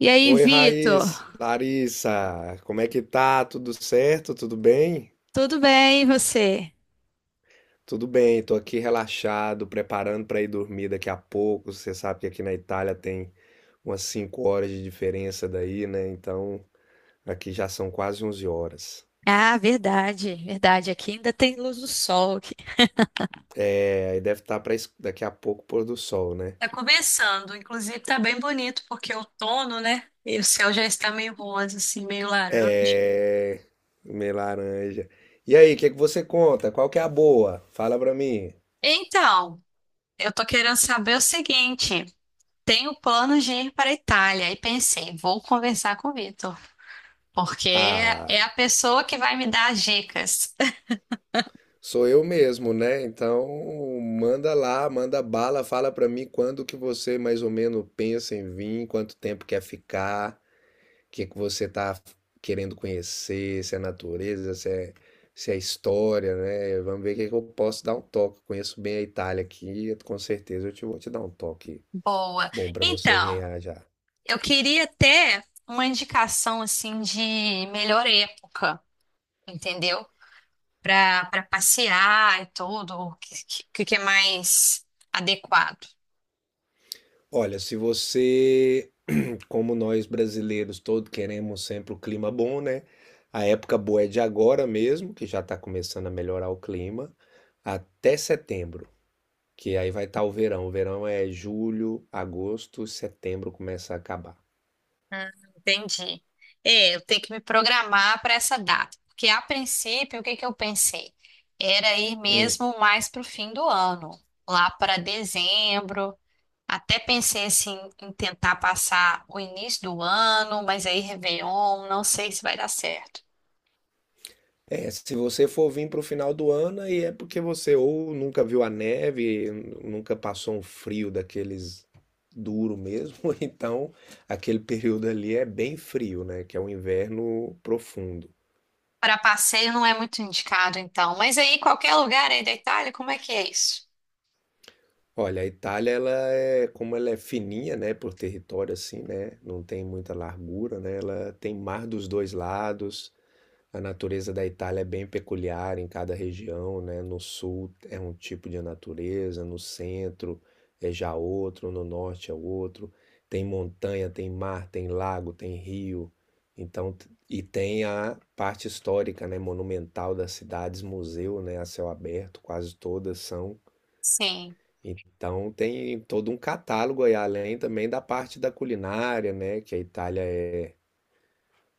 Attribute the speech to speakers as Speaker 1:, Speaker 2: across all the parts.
Speaker 1: E aí,
Speaker 2: Oi,
Speaker 1: Vitor?
Speaker 2: Raiz, Larissa, como é que tá? Tudo certo? Tudo bem?
Speaker 1: Tudo bem, e você?
Speaker 2: Tudo bem, tô aqui relaxado, preparando pra ir dormir daqui a pouco. Você sabe que aqui na Itália tem umas 5 horas de diferença daí, né? Então, aqui já são quase 11 horas.
Speaker 1: Ah, verdade, verdade. Aqui ainda tem luz do sol aqui.
Speaker 2: É, aí deve estar para daqui a pouco pôr do sol, né?
Speaker 1: Tá começando, inclusive tá bem bonito porque é outono, né? E o céu já está meio rosa, assim, meio laranja.
Speaker 2: É, meio laranja. E aí, o que que você conta? Qual que é a boa? Fala pra mim.
Speaker 1: Então, eu tô querendo saber o seguinte: tenho plano de ir para a Itália e pensei, vou conversar com o Vitor, porque
Speaker 2: Ah,
Speaker 1: é a pessoa que vai me dar as dicas.
Speaker 2: sou eu mesmo, né? Então, manda lá, manda bala, fala pra mim quando que você mais ou menos pensa em vir, quanto tempo quer ficar, o que que você tá querendo conhecer, se é natureza, se é história, né? Vamos ver o que que eu posso dar um toque. Conheço bem a Itália aqui, com certeza eu te vou te dar um toque
Speaker 1: Boa.
Speaker 2: bom pra você vir
Speaker 1: Então,
Speaker 2: já. Já.
Speaker 1: eu queria até uma indicação assim de melhor época, entendeu? Para passear e tudo, o que é mais adequado.
Speaker 2: Olha, se você como nós brasileiros todos queremos sempre o clima bom, né? A época boa é de agora mesmo, que já está começando a melhorar o clima, até setembro, que aí vai estar o verão. O verão é julho, agosto, setembro começa a acabar.
Speaker 1: Hum, entendi. É, eu tenho que me programar para essa data, porque a princípio, o que que eu pensei? Era ir
Speaker 2: Hum.
Speaker 1: mesmo mais para o fim do ano, lá para dezembro. Até pensei assim em tentar passar o início do ano, mas aí Réveillon, não sei se vai dar certo.
Speaker 2: É, se você for vir para o final do ano, aí é porque você ou nunca viu a neve, nunca passou um frio daqueles duro mesmo, ou então aquele período ali é bem frio, né? Que é o inverno profundo.
Speaker 1: Para passeio não é muito indicado, então. Mas aí, qualquer lugar aí da Itália, como é que é isso?
Speaker 2: Olha, a Itália, ela é, como ela é fininha, né, por território assim, né, não tem muita largura, né, ela tem mar dos dois lados. A natureza da Itália é bem peculiar em cada região, né, no sul é um tipo de natureza, no centro é já outro, no norte é outro. Tem montanha, tem mar, tem lago, tem rio. Então, e tem a parte histórica, né, monumental das cidades, museu, né, a céu aberto, quase todas são.
Speaker 1: Sim.
Speaker 2: Então tem todo um catálogo aí, além também da parte da culinária, né? Que a Itália é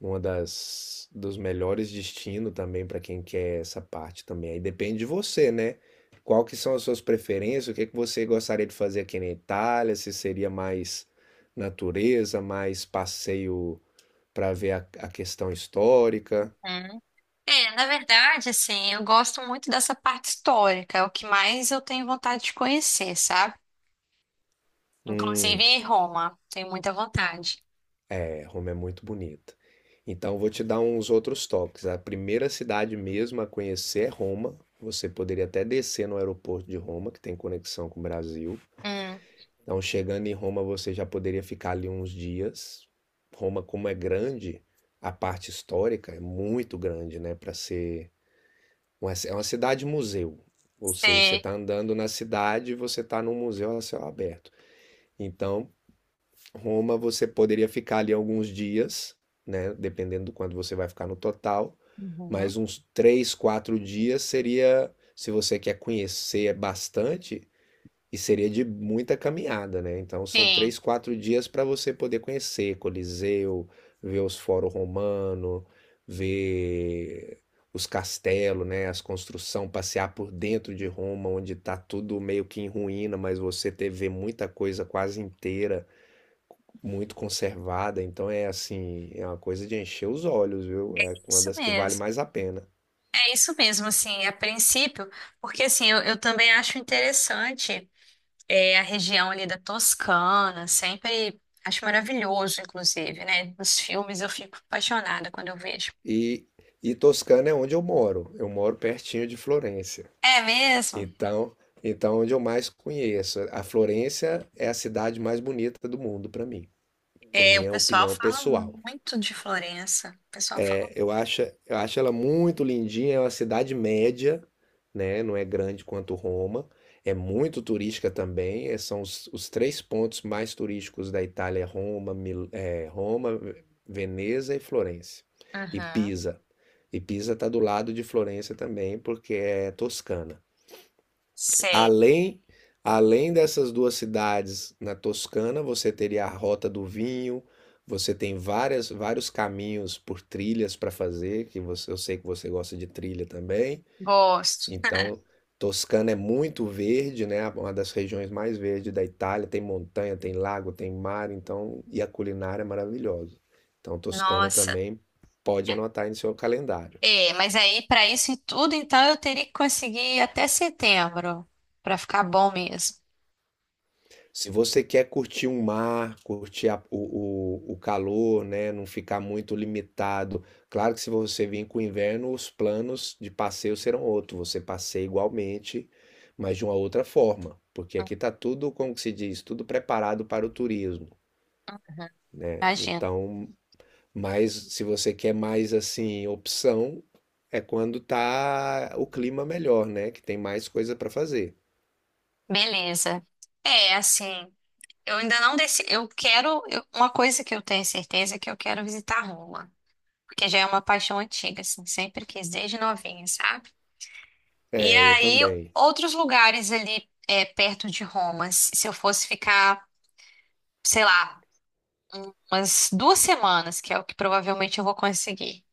Speaker 2: uma das dos melhores destinos também para quem quer essa parte também. Aí depende de você, né? Qual que são as suas preferências? O que que você gostaria de fazer aqui na Itália? Se seria mais natureza, mais passeio para ver a questão histórica?
Speaker 1: Hum. É, na verdade, assim, eu gosto muito dessa parte histórica, é o que mais eu tenho vontade de conhecer, sabe? Inclusive
Speaker 2: Hum.
Speaker 1: em Roma, tenho muita vontade.
Speaker 2: É, Roma é muito bonita. Então, vou te dar uns outros toques. A primeira cidade mesmo a conhecer é Roma. Você poderia até descer no aeroporto de Roma, que tem conexão com o Brasil.
Speaker 1: Hum.
Speaker 2: Então, chegando em Roma, você já poderia ficar ali uns dias. Roma, como é grande, a parte histórica é muito grande, né? Para ser. Uma É uma cidade-museu. Ou seja, você
Speaker 1: Sei.
Speaker 2: está andando na cidade e você está num museu a céu aberto. Então, Roma você poderia ficar ali alguns dias, né? Dependendo do quanto você vai ficar no total,
Speaker 1: Uhum.
Speaker 2: mas uns 3, 4 dias seria, se você quer conhecer bastante, e seria de muita caminhada, né? Então são
Speaker 1: Sim.
Speaker 2: 3, 4 dias para você poder conhecer Coliseu, ver os Fórum Romano, ver os castelos, né? As construções, passear por dentro de Roma, onde está tudo meio que em ruína, mas você ter, ver muita coisa quase inteira muito conservada, então é assim, é uma coisa de encher os olhos, viu? É uma
Speaker 1: Isso
Speaker 2: das que vale
Speaker 1: mesmo,
Speaker 2: mais a pena.
Speaker 1: é isso mesmo, assim, a princípio, porque assim, eu também acho interessante. É, a região ali da Toscana, sempre acho maravilhoso, inclusive, né? Nos filmes eu fico apaixonada quando eu vejo.
Speaker 2: E, e Toscana é onde eu moro. Eu moro pertinho de Florença.
Speaker 1: É mesmo?
Speaker 2: Então, então, é onde eu mais conheço. A Florença é a cidade mais bonita do mundo para mim, por
Speaker 1: É, o
Speaker 2: minha
Speaker 1: pessoal
Speaker 2: opinião
Speaker 1: fala
Speaker 2: pessoal.
Speaker 1: muito de Florença. O pessoal fala.
Speaker 2: É, eu acho ela muito lindinha, é uma cidade média, né? Não é grande quanto Roma. É muito turística também. É, são os três pontos mais turísticos da Itália, é Roma, Roma, Veneza e Florença. E
Speaker 1: Aham.
Speaker 2: Pisa. E Pisa está do lado de Florença também, porque é Toscana.
Speaker 1: Sei,
Speaker 2: Além, além, dessas duas cidades na Toscana, você teria a Rota do Vinho, você tem várias, vários caminhos por trilhas para fazer, que você, eu sei que você gosta de trilha também.
Speaker 1: gosto.
Speaker 2: Então, Toscana é muito verde, né? Uma das regiões mais verdes da Itália, tem montanha, tem lago, tem mar, então, e a culinária é maravilhosa. Então, Toscana
Speaker 1: Nossa.
Speaker 2: também pode anotar aí no seu calendário.
Speaker 1: É, mas aí para isso e tudo, então eu teria que conseguir ir até setembro para ficar bom mesmo.
Speaker 2: Se você quer curtir um mar, curtir o calor, né? Não ficar muito limitado. Claro que se você vir com o inverno, os planos de passeio serão outros. Você passeia igualmente, mas de uma outra forma. Porque aqui está tudo, como que se diz, tudo preparado para o turismo, né?
Speaker 1: Imagina.
Speaker 2: Então, mas se você quer mais assim, opção, é quando tá o clima melhor, né? Que tem mais coisa para fazer.
Speaker 1: Beleza. É, assim, eu ainda não decidi. Eu quero. Uma coisa que eu tenho certeza é que eu quero visitar Roma, porque já é uma paixão antiga, assim, sempre quis, desde novinha, sabe? E
Speaker 2: É, eu
Speaker 1: aí,
Speaker 2: também.
Speaker 1: outros lugares ali é, perto de Roma, se eu fosse ficar, sei lá, umas duas semanas, que é o que provavelmente eu vou conseguir.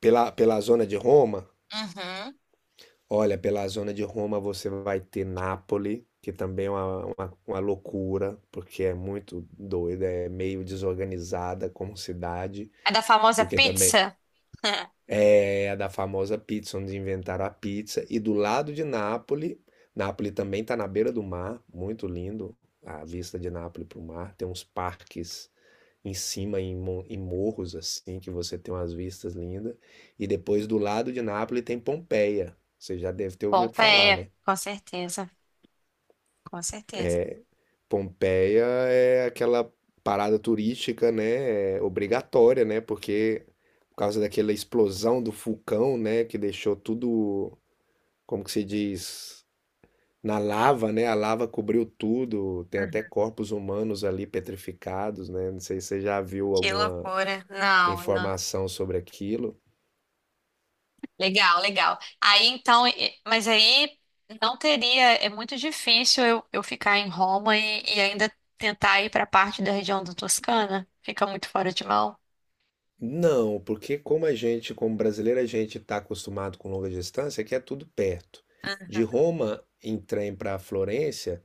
Speaker 2: Pela zona de Roma.
Speaker 1: Uhum.
Speaker 2: Olha, pela zona de Roma você vai ter Nápoles, que também é uma loucura, porque é muito doida, é meio desorganizada como cidade,
Speaker 1: É da famosa
Speaker 2: porque também
Speaker 1: pizza?
Speaker 2: é a da famosa pizza, onde inventaram a pizza. E do lado de Nápoles, Nápoles também está na beira do mar, muito lindo a vista de Nápoles para o mar. Tem uns parques em cima, em morros, assim, que você tem umas vistas lindas. E depois do lado de Nápoles tem Pompeia. Você já deve ter ouvido falar,
Speaker 1: Pompeia,
Speaker 2: né?
Speaker 1: com certeza, com certeza.
Speaker 2: Pompeia é aquela parada turística, né? É obrigatória, né? Porque por causa daquela explosão do vulcão, né? Que deixou tudo, como que se diz, na lava, né? A lava cobriu tudo. Tem até
Speaker 1: Uhum.
Speaker 2: corpos humanos ali petrificados, né? Não sei se você já viu
Speaker 1: Que
Speaker 2: alguma
Speaker 1: loucura. Não, não.
Speaker 2: informação sobre aquilo.
Speaker 1: Legal, legal. Aí então, mas aí não teria, é muito difícil eu ficar em Roma e ainda tentar ir para a parte da região da Toscana. Fica muito fora de mão.
Speaker 2: Não, porque como a gente, como brasileiro, a gente está acostumado com longa distância, que é tudo perto. De Roma em trem para Florença.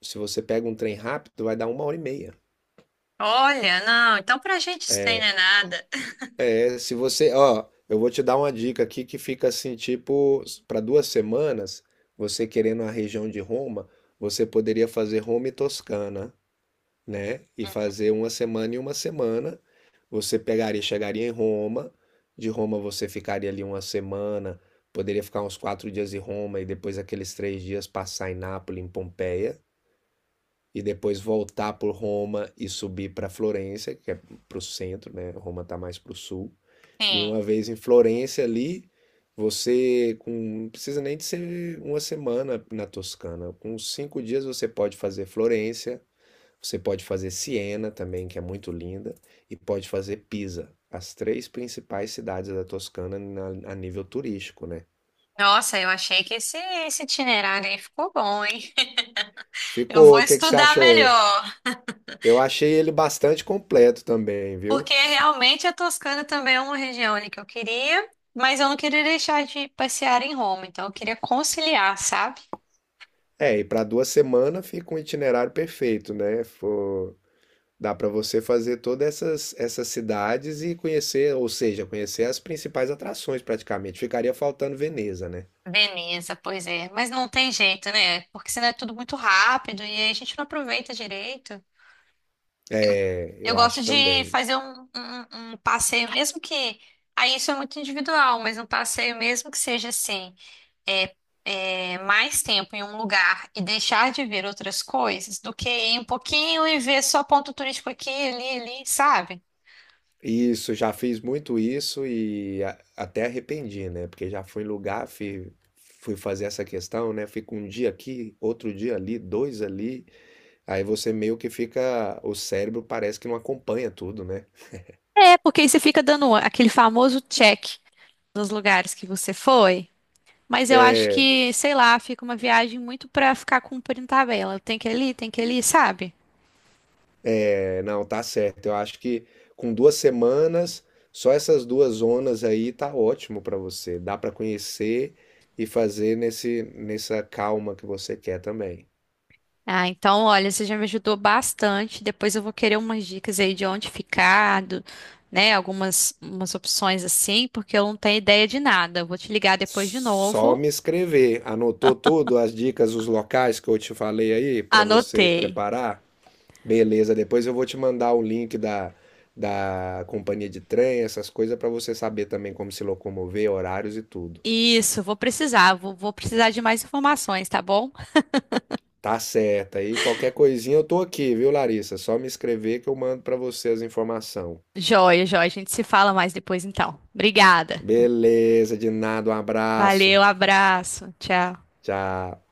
Speaker 2: Se você pega um trem rápido, vai dar uma hora e meia.
Speaker 1: Olha, não, então pra gente isso daí não é nada.
Speaker 2: É, se você, ó, eu vou te dar uma dica aqui que fica assim, tipo, para 2 semanas, você querendo a região de Roma, você poderia fazer Roma e Toscana, né? E
Speaker 1: Uhum.
Speaker 2: fazer uma semana e uma semana. Você pegaria, chegaria em Roma, de Roma você ficaria ali uma semana, poderia ficar uns 4 dias em Roma e depois aqueles 3 dias passar em Nápoles, em Pompeia, e depois voltar por Roma e subir para Florença, que é para o centro, né? Roma está mais para o sul. E
Speaker 1: Sim.
Speaker 2: uma vez em Florença ali, você não precisa nem de ser uma semana na Toscana. Com 5 dias você pode fazer Florença, você pode fazer Siena também, que é muito linda, e pode fazer Pisa, as três principais cidades da Toscana a nível turístico, né?
Speaker 1: Nossa, eu achei que esse itinerário aí ficou bom, hein? Eu
Speaker 2: Ficou,
Speaker 1: vou
Speaker 2: o que que você
Speaker 1: estudar
Speaker 2: achou?
Speaker 1: melhor,
Speaker 2: Eu achei ele bastante completo também, viu?
Speaker 1: porque realmente a Toscana também é uma região ali que eu queria, mas eu não queria deixar de passear em Roma, então eu queria conciliar, sabe?
Speaker 2: É, e para 2 semanas fica um itinerário perfeito, né? Dá para você fazer todas essas cidades e conhecer, ou seja, conhecer as principais atrações praticamente. Ficaria faltando Veneza, né?
Speaker 1: Beleza, pois é. Mas não tem jeito, né? Porque senão é tudo muito rápido e aí a gente não aproveita direito.
Speaker 2: É,
Speaker 1: Eu
Speaker 2: eu
Speaker 1: gosto
Speaker 2: acho
Speaker 1: de
Speaker 2: também.
Speaker 1: fazer um passeio, mesmo que. Aí isso é muito individual, mas um passeio, mesmo que seja assim, é, é, mais tempo em um lugar e deixar de ver outras coisas do que ir um pouquinho e ver só ponto turístico aqui, ali, ali, sabe?
Speaker 2: Isso, já fiz muito isso e até arrependi, né? Porque já fui em lugar, fui, fui fazer essa questão, né? Fico um dia aqui, outro dia ali, dois ali. Aí você meio que fica, o cérebro parece que não acompanha tudo, né?
Speaker 1: É, porque aí você fica dando aquele famoso check nos lugares que você foi. Mas eu acho
Speaker 2: É,
Speaker 1: que, sei lá, fica uma viagem muito pra ficar cumprindo tabela. Tem que ir ali, tem que ir ali, sabe?
Speaker 2: É, não, tá certo. Eu acho que com 2 semanas, só essas duas zonas aí tá ótimo pra você. Dá pra conhecer e fazer nesse, nessa calma que você quer também.
Speaker 1: Ah, então, olha, você já me ajudou bastante. Depois eu vou querer umas dicas aí de onde ficar, do- né? Algumas umas opções assim, porque eu não tenho ideia de nada. Eu vou te ligar depois de
Speaker 2: Só
Speaker 1: novo.
Speaker 2: me escrever. Anotou tudo, as dicas, os locais que eu te falei aí pra você
Speaker 1: Anotei.
Speaker 2: preparar? Beleza, depois eu vou te mandar o link da, da companhia de trem, essas coisas, pra você saber também como se locomover, horários e tudo.
Speaker 1: Isso, vou precisar. Vou precisar de mais informações, tá bom?
Speaker 2: Tá certo. Aí qualquer coisinha eu tô aqui, viu, Larissa? Só me escrever que eu mando pra você as informações.
Speaker 1: Joia, joia. A gente se fala mais depois então. Obrigada.
Speaker 2: Beleza, de nada, um abraço.
Speaker 1: Valeu, abraço. Tchau.
Speaker 2: Tchau.